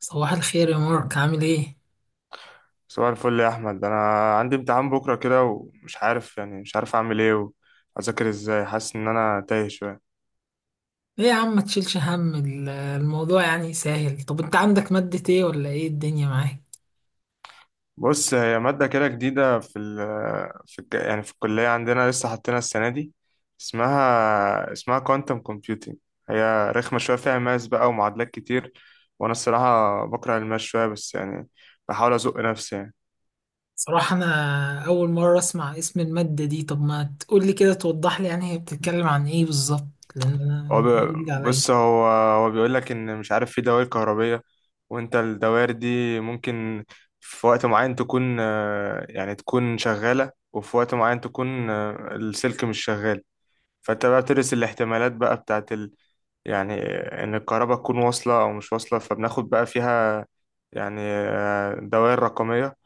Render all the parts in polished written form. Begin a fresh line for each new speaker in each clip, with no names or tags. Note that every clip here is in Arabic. صباح الخير يا مارك، عامل ايه؟
صباح الفل يا احمد، انا عندي امتحان بكره كده ومش عارف يعني مش عارف اعمل ايه واذاكر ازاي. حاسس ان انا تايه شويه.
ايه يا عم، ما تشيلش هم الموضوع يعني سهل. طب انت عندك مادة ايه ولا ايه الدنيا معاك؟
بص، هي ماده كده جديده في ال في الج- يعني في الكليه عندنا لسه حاطينها السنه دي. اسمها كوانتم كومبيوتنج. هي رخمه شويه، فيها ماس بقى ومعادلات كتير، وانا الصراحه بكره الماس شويه، بس يعني بحاول ازق نفسي يعني.
صراحة انا اول مرة اسمع اسم المادة دي. طب ما تقولي كده توضح لي يعني هي بتتكلم عن ايه بالظبط، لان انا
هو
الموضوع
بي-
جديد عليا.
بص، هو بيقول لك ان مش عارف في دوائر كهربية، وانت الدوائر دي ممكن في وقت معين تكون يعني تكون شغالة، وفي وقت معين تكون السلك مش شغال. فانت بقى بتدرس الاحتمالات بقى بتاعت يعني ان الكهرباء تكون واصلة او مش واصلة، فبناخد بقى فيها يعني دوائر رقمية،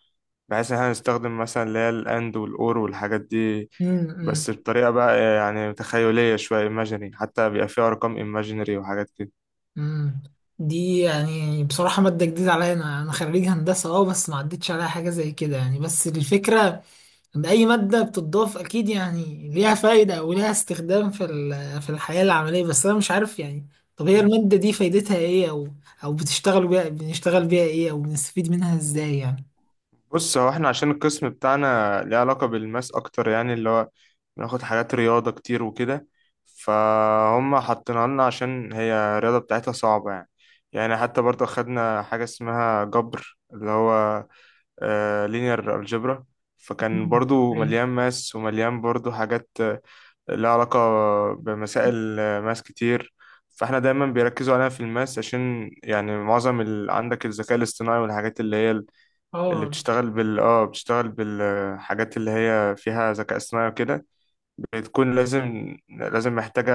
بحيث ان احنا نستخدم مثلا اللي هي الاند والاور والحاجات دي،
امم امم
بس بطريقة بقى يعني تخيلية شوية، ايماجيني حتى بيبقى فيها ارقام ايماجينري وحاجات كده.
امم. دي يعني بصراحة مادة جديدة عليا. انا خريج هندسة، اه، بس ما عدتش عليها حاجة زي كده يعني. بس الفكرة أي مادة بتضاف أكيد يعني ليها فايدة أو ليها استخدام في الحياة العملية، بس أنا مش عارف يعني. طب هي المادة دي فايدتها إيه، أو أو بتشتغل بيها، بنشتغل بيها إيه، أو بنستفيد منها إزاي يعني؟
بص، هو احنا عشان القسم بتاعنا ليه علاقة بالماس اكتر، يعني اللي هو بناخد حاجات رياضة كتير وكده، فهم حاطينها لنا عشان هي الرياضة بتاعتها صعبة يعني. يعني حتى برضه خدنا حاجة اسمها جبر، اللي هو لينير الجبرا، فكان
مم.
برضه مليان
إيه.
ماس ومليان برضه حاجات لها علاقة بمسائل ماس كتير. فاحنا دايما بيركزوا عليها في الماس، عشان يعني معظم عندك الذكاء الاصطناعي والحاجات اللي
آه.
بتشتغل بالحاجات اللي هي فيها ذكاء اصطناعي وكده، بتكون لازم محتاجة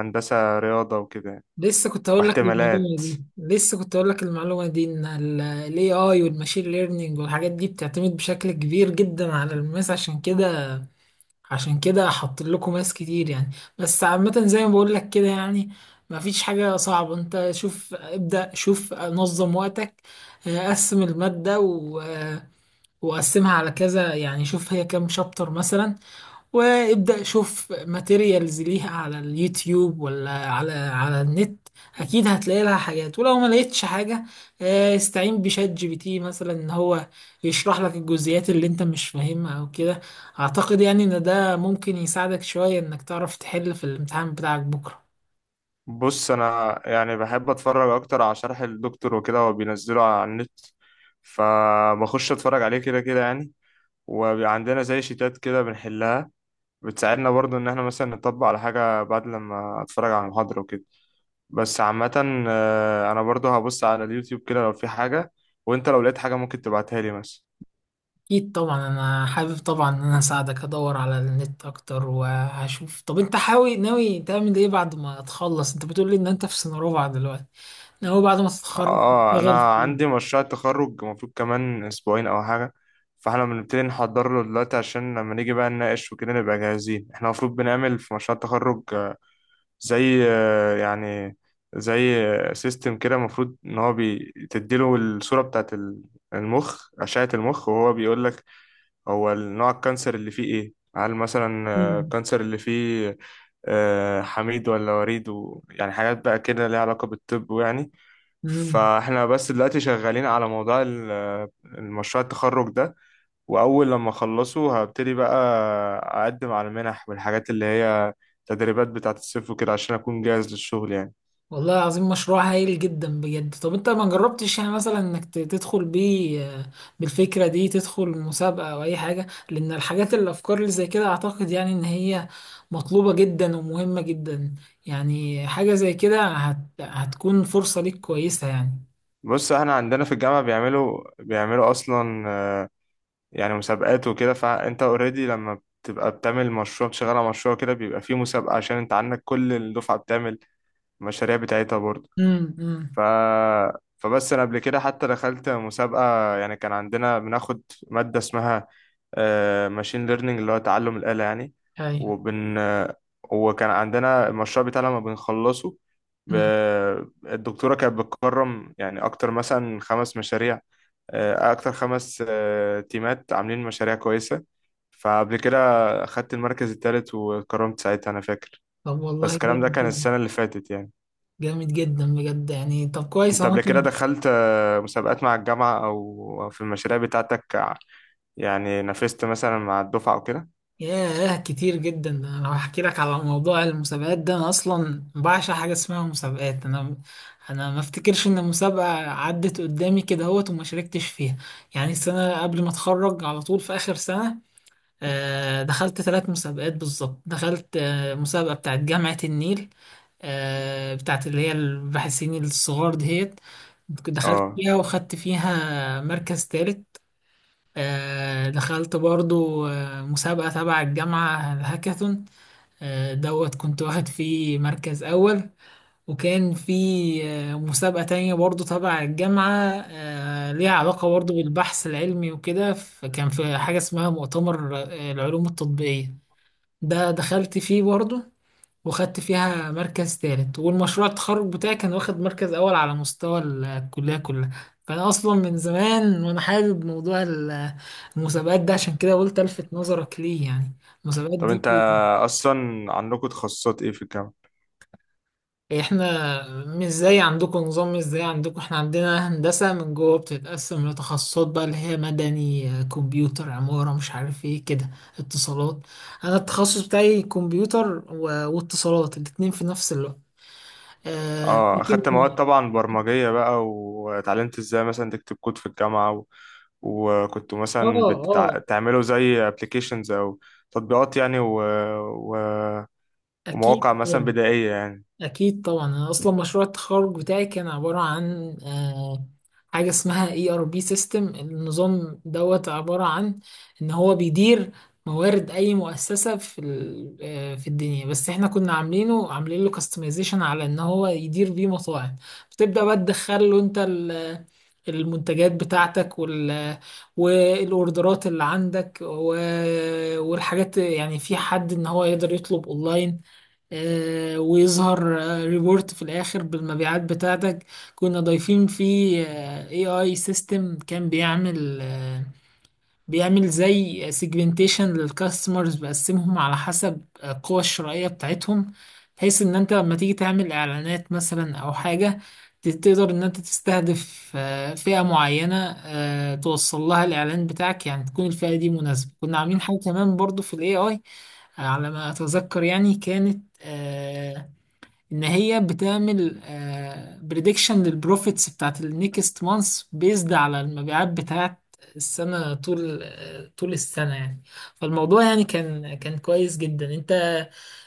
هندسة رياضة وكده يعني،
لسه كنت هقول لك المعلومة
واحتمالات.
دي، لسه كنت هقول لك المعلومة دي، إن ال AI والماشين ليرنينج والحاجات دي بتعتمد بشكل كبير جدا على الماس، عشان كده. عشان كده حاطين لكم ناس كتير يعني. بس عامة زي ما بقول لك كده يعني، مفيش حاجة صعبة. انت شوف، ابدأ شوف، نظم وقتك. قسم المادة وقسمها على كذا. يعني شوف هي كام شابتر مثلا، وابدأ شوف ماتيريالز ليها على اليوتيوب ولا على على النت. اكيد هتلاقي لها حاجات، ولو ما لقيتش حاجة استعين بشات جي بي تي مثلا، ان هو يشرح لك الجزئيات اللي انت مش فاهمها او كده. اعتقد يعني ان ده ممكن يساعدك شوية انك تعرف تحل في الامتحان بتاعك بكرة.
بص، انا يعني بحب اتفرج اكتر على شرح الدكتور وكده، هو بينزله على النت، فبخش اتفرج عليه كده كده يعني. وبيبقى عندنا زي شيتات كده بنحلها، بتساعدنا برضو ان احنا مثلا نطبق على حاجة بعد لما اتفرج على المحاضرة وكده. بس عامة انا برضو هبص على اليوتيوب كده لو في حاجة، وانت لو لقيت حاجة ممكن تبعتها لي مثلا.
اكيد طبعا انا حابب طبعا ان انا اساعدك. ادور على النت اكتر وهشوف. طب انت حاوي ناوي تعمل ايه بعد ما تخلص؟ انت بتقول لي ان انت في سنة رابعة دلوقتي، هو بعد ما تتخرج
اه،
تشتغل
انا
في؟
عندي مشروع تخرج المفروض كمان اسبوعين او حاجة، فاحنا بنبتدي نحضر له دلوقتي عشان لما نيجي بقى نناقش وكده نبقى جاهزين. احنا المفروض بنعمل في مشروع التخرج آه، زي آه، يعني زي سيستم كده، المفروض ان هو بتديله الصورة بتاعت ال- المخ أشعة المخ، وهو بيقول لك هو نوع الكانسر اللي فيه ايه. هل مثلا
مم.
الكانسر اللي فيه حميد ولا وريد يعني حاجات بقى كده ليها علاقة بالطب يعني.
مم.
فاحنا بس دلوقتي شغالين على موضوع المشروع التخرج ده، واول لما اخلصه هبتدي بقى اقدم على المنح والحاجات اللي هي تدريبات بتاعة الصيف وكده، عشان اكون جاهز للشغل يعني.
والله العظيم مشروع هايل جدا بجد. طب انت ما جربتش يعني مثلا انك تدخل بيه بالفكرة دي تدخل مسابقة او اي حاجة؟ لان الحاجات الافكار اللي زي كده اعتقد يعني ان هي مطلوبة جدا ومهمة جدا. يعني حاجة زي كده هتكون فرصة ليك كويسة يعني.
بص، احنا عندنا في الجامعة بيعملوا اصلا يعني مسابقات وكده، فانت اوريدي لما بتبقى بتعمل مشروع، بتشتغل على مشروع كده بيبقى فيه مسابقة، عشان انت عندك كل الدفعة بتعمل المشاريع بتاعتها برضه. ف...
امم.
فبس انا قبل كده حتى دخلت مسابقة يعني. كان عندنا بناخد مادة اسمها ماشين ليرنينج، اللي هو تعلم الآلة يعني.
ايوه.
وبن وكان عندنا المشروع بتاعنا لما بنخلصه ب...
امم.
الدكتورة كانت بتكرم يعني أكتر مثلا خمس مشاريع، أكتر خمس تيمات عاملين مشاريع كويسة. فقبل كده أخدت المركز التالت، واتكرمت ساعتها، أنا فاكر.
طب
بس
والله
الكلام ده
جامد
كان
جدا.
السنة اللي فاتت يعني.
جامد جدا بجد يعني، طب كويس
أنت
اهو.
قبل كده دخلت مسابقات مع الجامعة، أو في المشاريع بتاعتك يعني نافست مثلا مع الدفعة أو كده؟
ياه، كتير جدا. ده انا لو هحكي لك على موضوع المسابقات ده، انا اصلا بعشق حاجه اسمها مسابقات. انا ما افتكرش ان مسابقه عدت قدامي كده اهوت وما شاركتش فيها. يعني السنه قبل ما اتخرج على طول في اخر سنه دخلت ثلاث مسابقات بالظبط. دخلت مسابقه بتاعت جامعه النيل، بتاعت اللي هي الباحثين الصغار دهيت، دخلت
أه.
فيها وخدت فيها مركز ثالث. دخلت برضو مسابقة تبع الجامعة، الهاكاثون، دوت كنت واخد فيه مركز أول. وكان في مسابقة تانية برضو تبع الجامعة، ليها علاقة برضو بالبحث العلمي وكده. فكان في حاجة اسمها مؤتمر العلوم التطبيقية، ده دخلت فيه برضو وخدت فيها مركز تالت. والمشروع التخرج بتاعي كان واخد مركز أول على مستوى الكلية كلها. فأنا أصلا من زمان وأنا حابب موضوع المسابقات ده، عشان كده قلت ألفت نظرك ليه يعني، المسابقات
طب
دي.
أنت أصلا عندكم تخصصات إيه في الجامعة؟
إحنا مش زي عندكم نظام، مش زي عندكم. إحنا عندنا هندسة من جوه بتتقسم لتخصصات بقى، اللي هي مدني، كمبيوتر، عمارة، مش عارف إيه كده، اتصالات. أنا التخصص بتاعي كمبيوتر واتصالات الاتنين في نفس الوقت،
أه،
لكن
أخدت مواد طبعا برمجية بقى، واتعلمت إزاي مثلا تكتب كود في الجامعة، وكنتوا
اه
مثلا
اه
بتعملوا زي applications أو تطبيقات يعني و...
اكيد
ومواقع مثلا
طبعاً.
بدائية يعني.
أكيد طبعا. أنا أصلا مشروع التخرج بتاعي كان عبارة عن حاجة اسمها اي ار بي سيستم، النظام دوت عبارة عن إن هو بيدير موارد أي مؤسسة في ال- آه، في الدنيا، بس احنا كنا عاملينه، عاملين له كاستمايزيشن على إن هو يدير بيه مطاعم. بتبدأ بقى تدخل له أنت المنتجات بتاعتك والاوردرات اللي عندك والحاجات، يعني في حد ان هو يقدر يطلب اونلاين، ويظهر ريبورت في الاخر بالمبيعات بتاعتك. كنا ضايفين فيه اي اي سيستم، كان بيعمل بيعمل زي سيجمنتيشن للكاستمرز، بقسمهم على حسب القوة الشرائية بتاعتهم، بحيث ان انت لما تيجي تعمل اعلانات مثلا او حاجة، تقدر ان انت تستهدف فئة معينة، توصل لها الاعلان بتاعك، يعني تكون الفئة دي مناسبة. كنا عاملين حاجة كمان برضو في الاي اي، على ما اتذكر يعني، كانت ان هي بتعمل بريدكشن للبروفيتس بتاعت النيكست مانث بيزد على المبيعات بتاعت السنة، طول طول السنة يعني. فالموضوع يعني كان كويس جدا. انت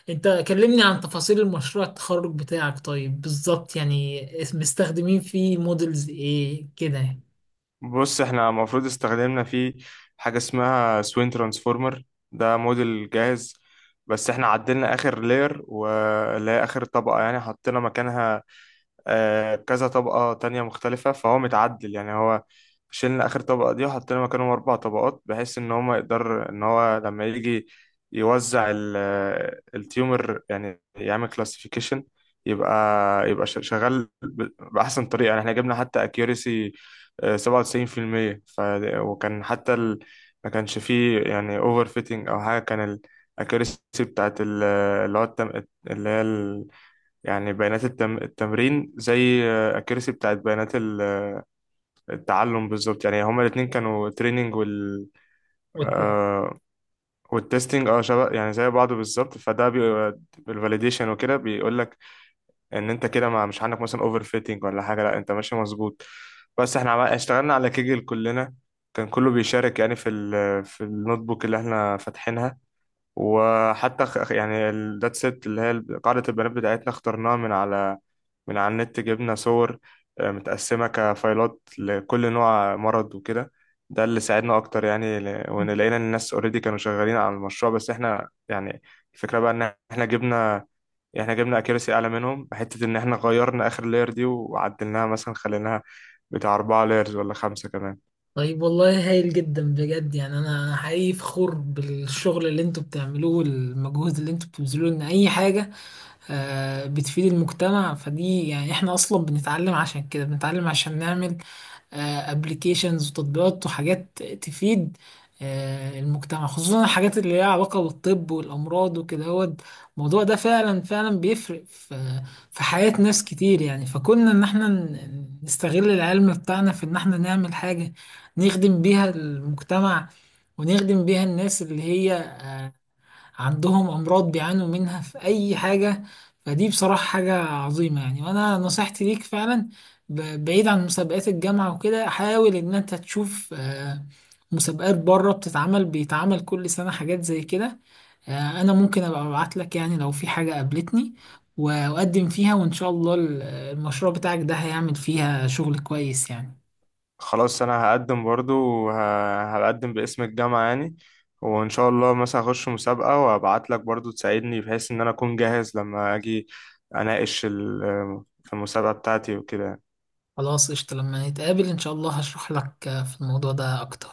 انت كلمني عن تفاصيل المشروع التخرج بتاعك طيب، بالظبط يعني مستخدمين فيه مودلز ايه كده يعني؟
بص، احنا المفروض استخدمنا فيه حاجة اسمها سوين ترانسفورمر. ده موديل جاهز، بس احنا عدلنا آخر لير، واللي هي آخر طبقة يعني، حطينا مكانها كذا طبقة تانية مختلفة، فهو متعدل يعني. هو شيلنا آخر طبقة دي وحطينا مكانهم أربع طبقات، بحيث إن هو يقدر إن هو لما يجي يوزع التيومر يعني، يعمل كلاسيفيكيشن. يبقى يبقى شغال بأحسن طريقة يعني. إحنا جبنا حتى أكيوريسي 97%. وكان حتى ما كانش فيه يعني أوفر فيتنج أو حاجة. كان الأكيوريسي بتاعت اللي هو التم... اللي هي يعني بيانات التمرين زي اكيرسي بتاعت بيانات التعلم بالظبط يعني. هما الاتنين كانوا تريننج،
وكده.
آه والتستنج، شبه يعني، زي بعض بالظبط. فده بالفاليديشن وكده بيقول لك ان انت كده ما مش عندك مثلا اوفر فيتنج ولا حاجه، لا، انت ماشي مظبوط. بس احنا اشتغلنا على كيجل كلنا، كان كله بيشارك يعني في في النوت بوك اللي احنا فاتحينها. وحتى يعني الدات سيت، اللي هي قاعدة البيانات بتاعتنا، اخترناها من على النت. جبنا صور متقسمة كفايلات لكل نوع مرض وكده، ده اللي ساعدنا أكتر يعني. وإن لقينا إن الناس أوريدي كانوا شغالين على المشروع، بس إحنا يعني الفكرة بقى إن إحنا جبنا أكيرسي أعلى منهم، حتة إن إحنا غيرنا آخر لاير دي وعدلناها، مثلا خليناها بتاع أربعة لايرز ولا خمسة كمان.
طيب والله هايل جدا بجد. يعني انا حقيقي فخور بالشغل اللي انتوا بتعملوه والمجهود اللي انتوا بتبذلوه، ان اي حاجة بتفيد المجتمع. فدي يعني احنا اصلا بنتعلم عشان كده، بنتعلم عشان نعمل ابلكيشنز وتطبيقات وحاجات تفيد المجتمع. خصوصا الحاجات اللي ليها علاقة بالطب والأمراض وكده، هو الموضوع ده فعلا فعلا بيفرق في في حياة ناس كتير يعني. فكنا إن احنا نستغل العلم بتاعنا في إن احنا نعمل حاجة نخدم بيها المجتمع، ونخدم بيها الناس اللي هي عندهم أمراض بيعانوا منها في أي حاجة. فدي بصراحة حاجة عظيمة يعني. وأنا نصيحتي ليك فعلا، بعيد عن مسابقات الجامعة وكده، حاول إن أنت تشوف مسابقات بره بتتعمل، بيتعمل كل سنة حاجات زي كده. أنا ممكن أبقى أبعت لك يعني لو في حاجة قابلتني، و- وأقدم فيها، وإن شاء الله المشروع بتاعك ده هيعمل فيها شغل كويس يعني.
خلاص، انا هقدم برضو، هقدم باسم الجامعة يعني، وان شاء الله مثلا هخش مسابقة، وابعت لك برضو تساعدني، بحيث ان انا اكون جاهز لما اجي اناقش في المسابقة بتاعتي وكده يعني.
خلاص، قشطة. لما نتقابل إن شاء الله هشرح لك في الموضوع ده أكتر.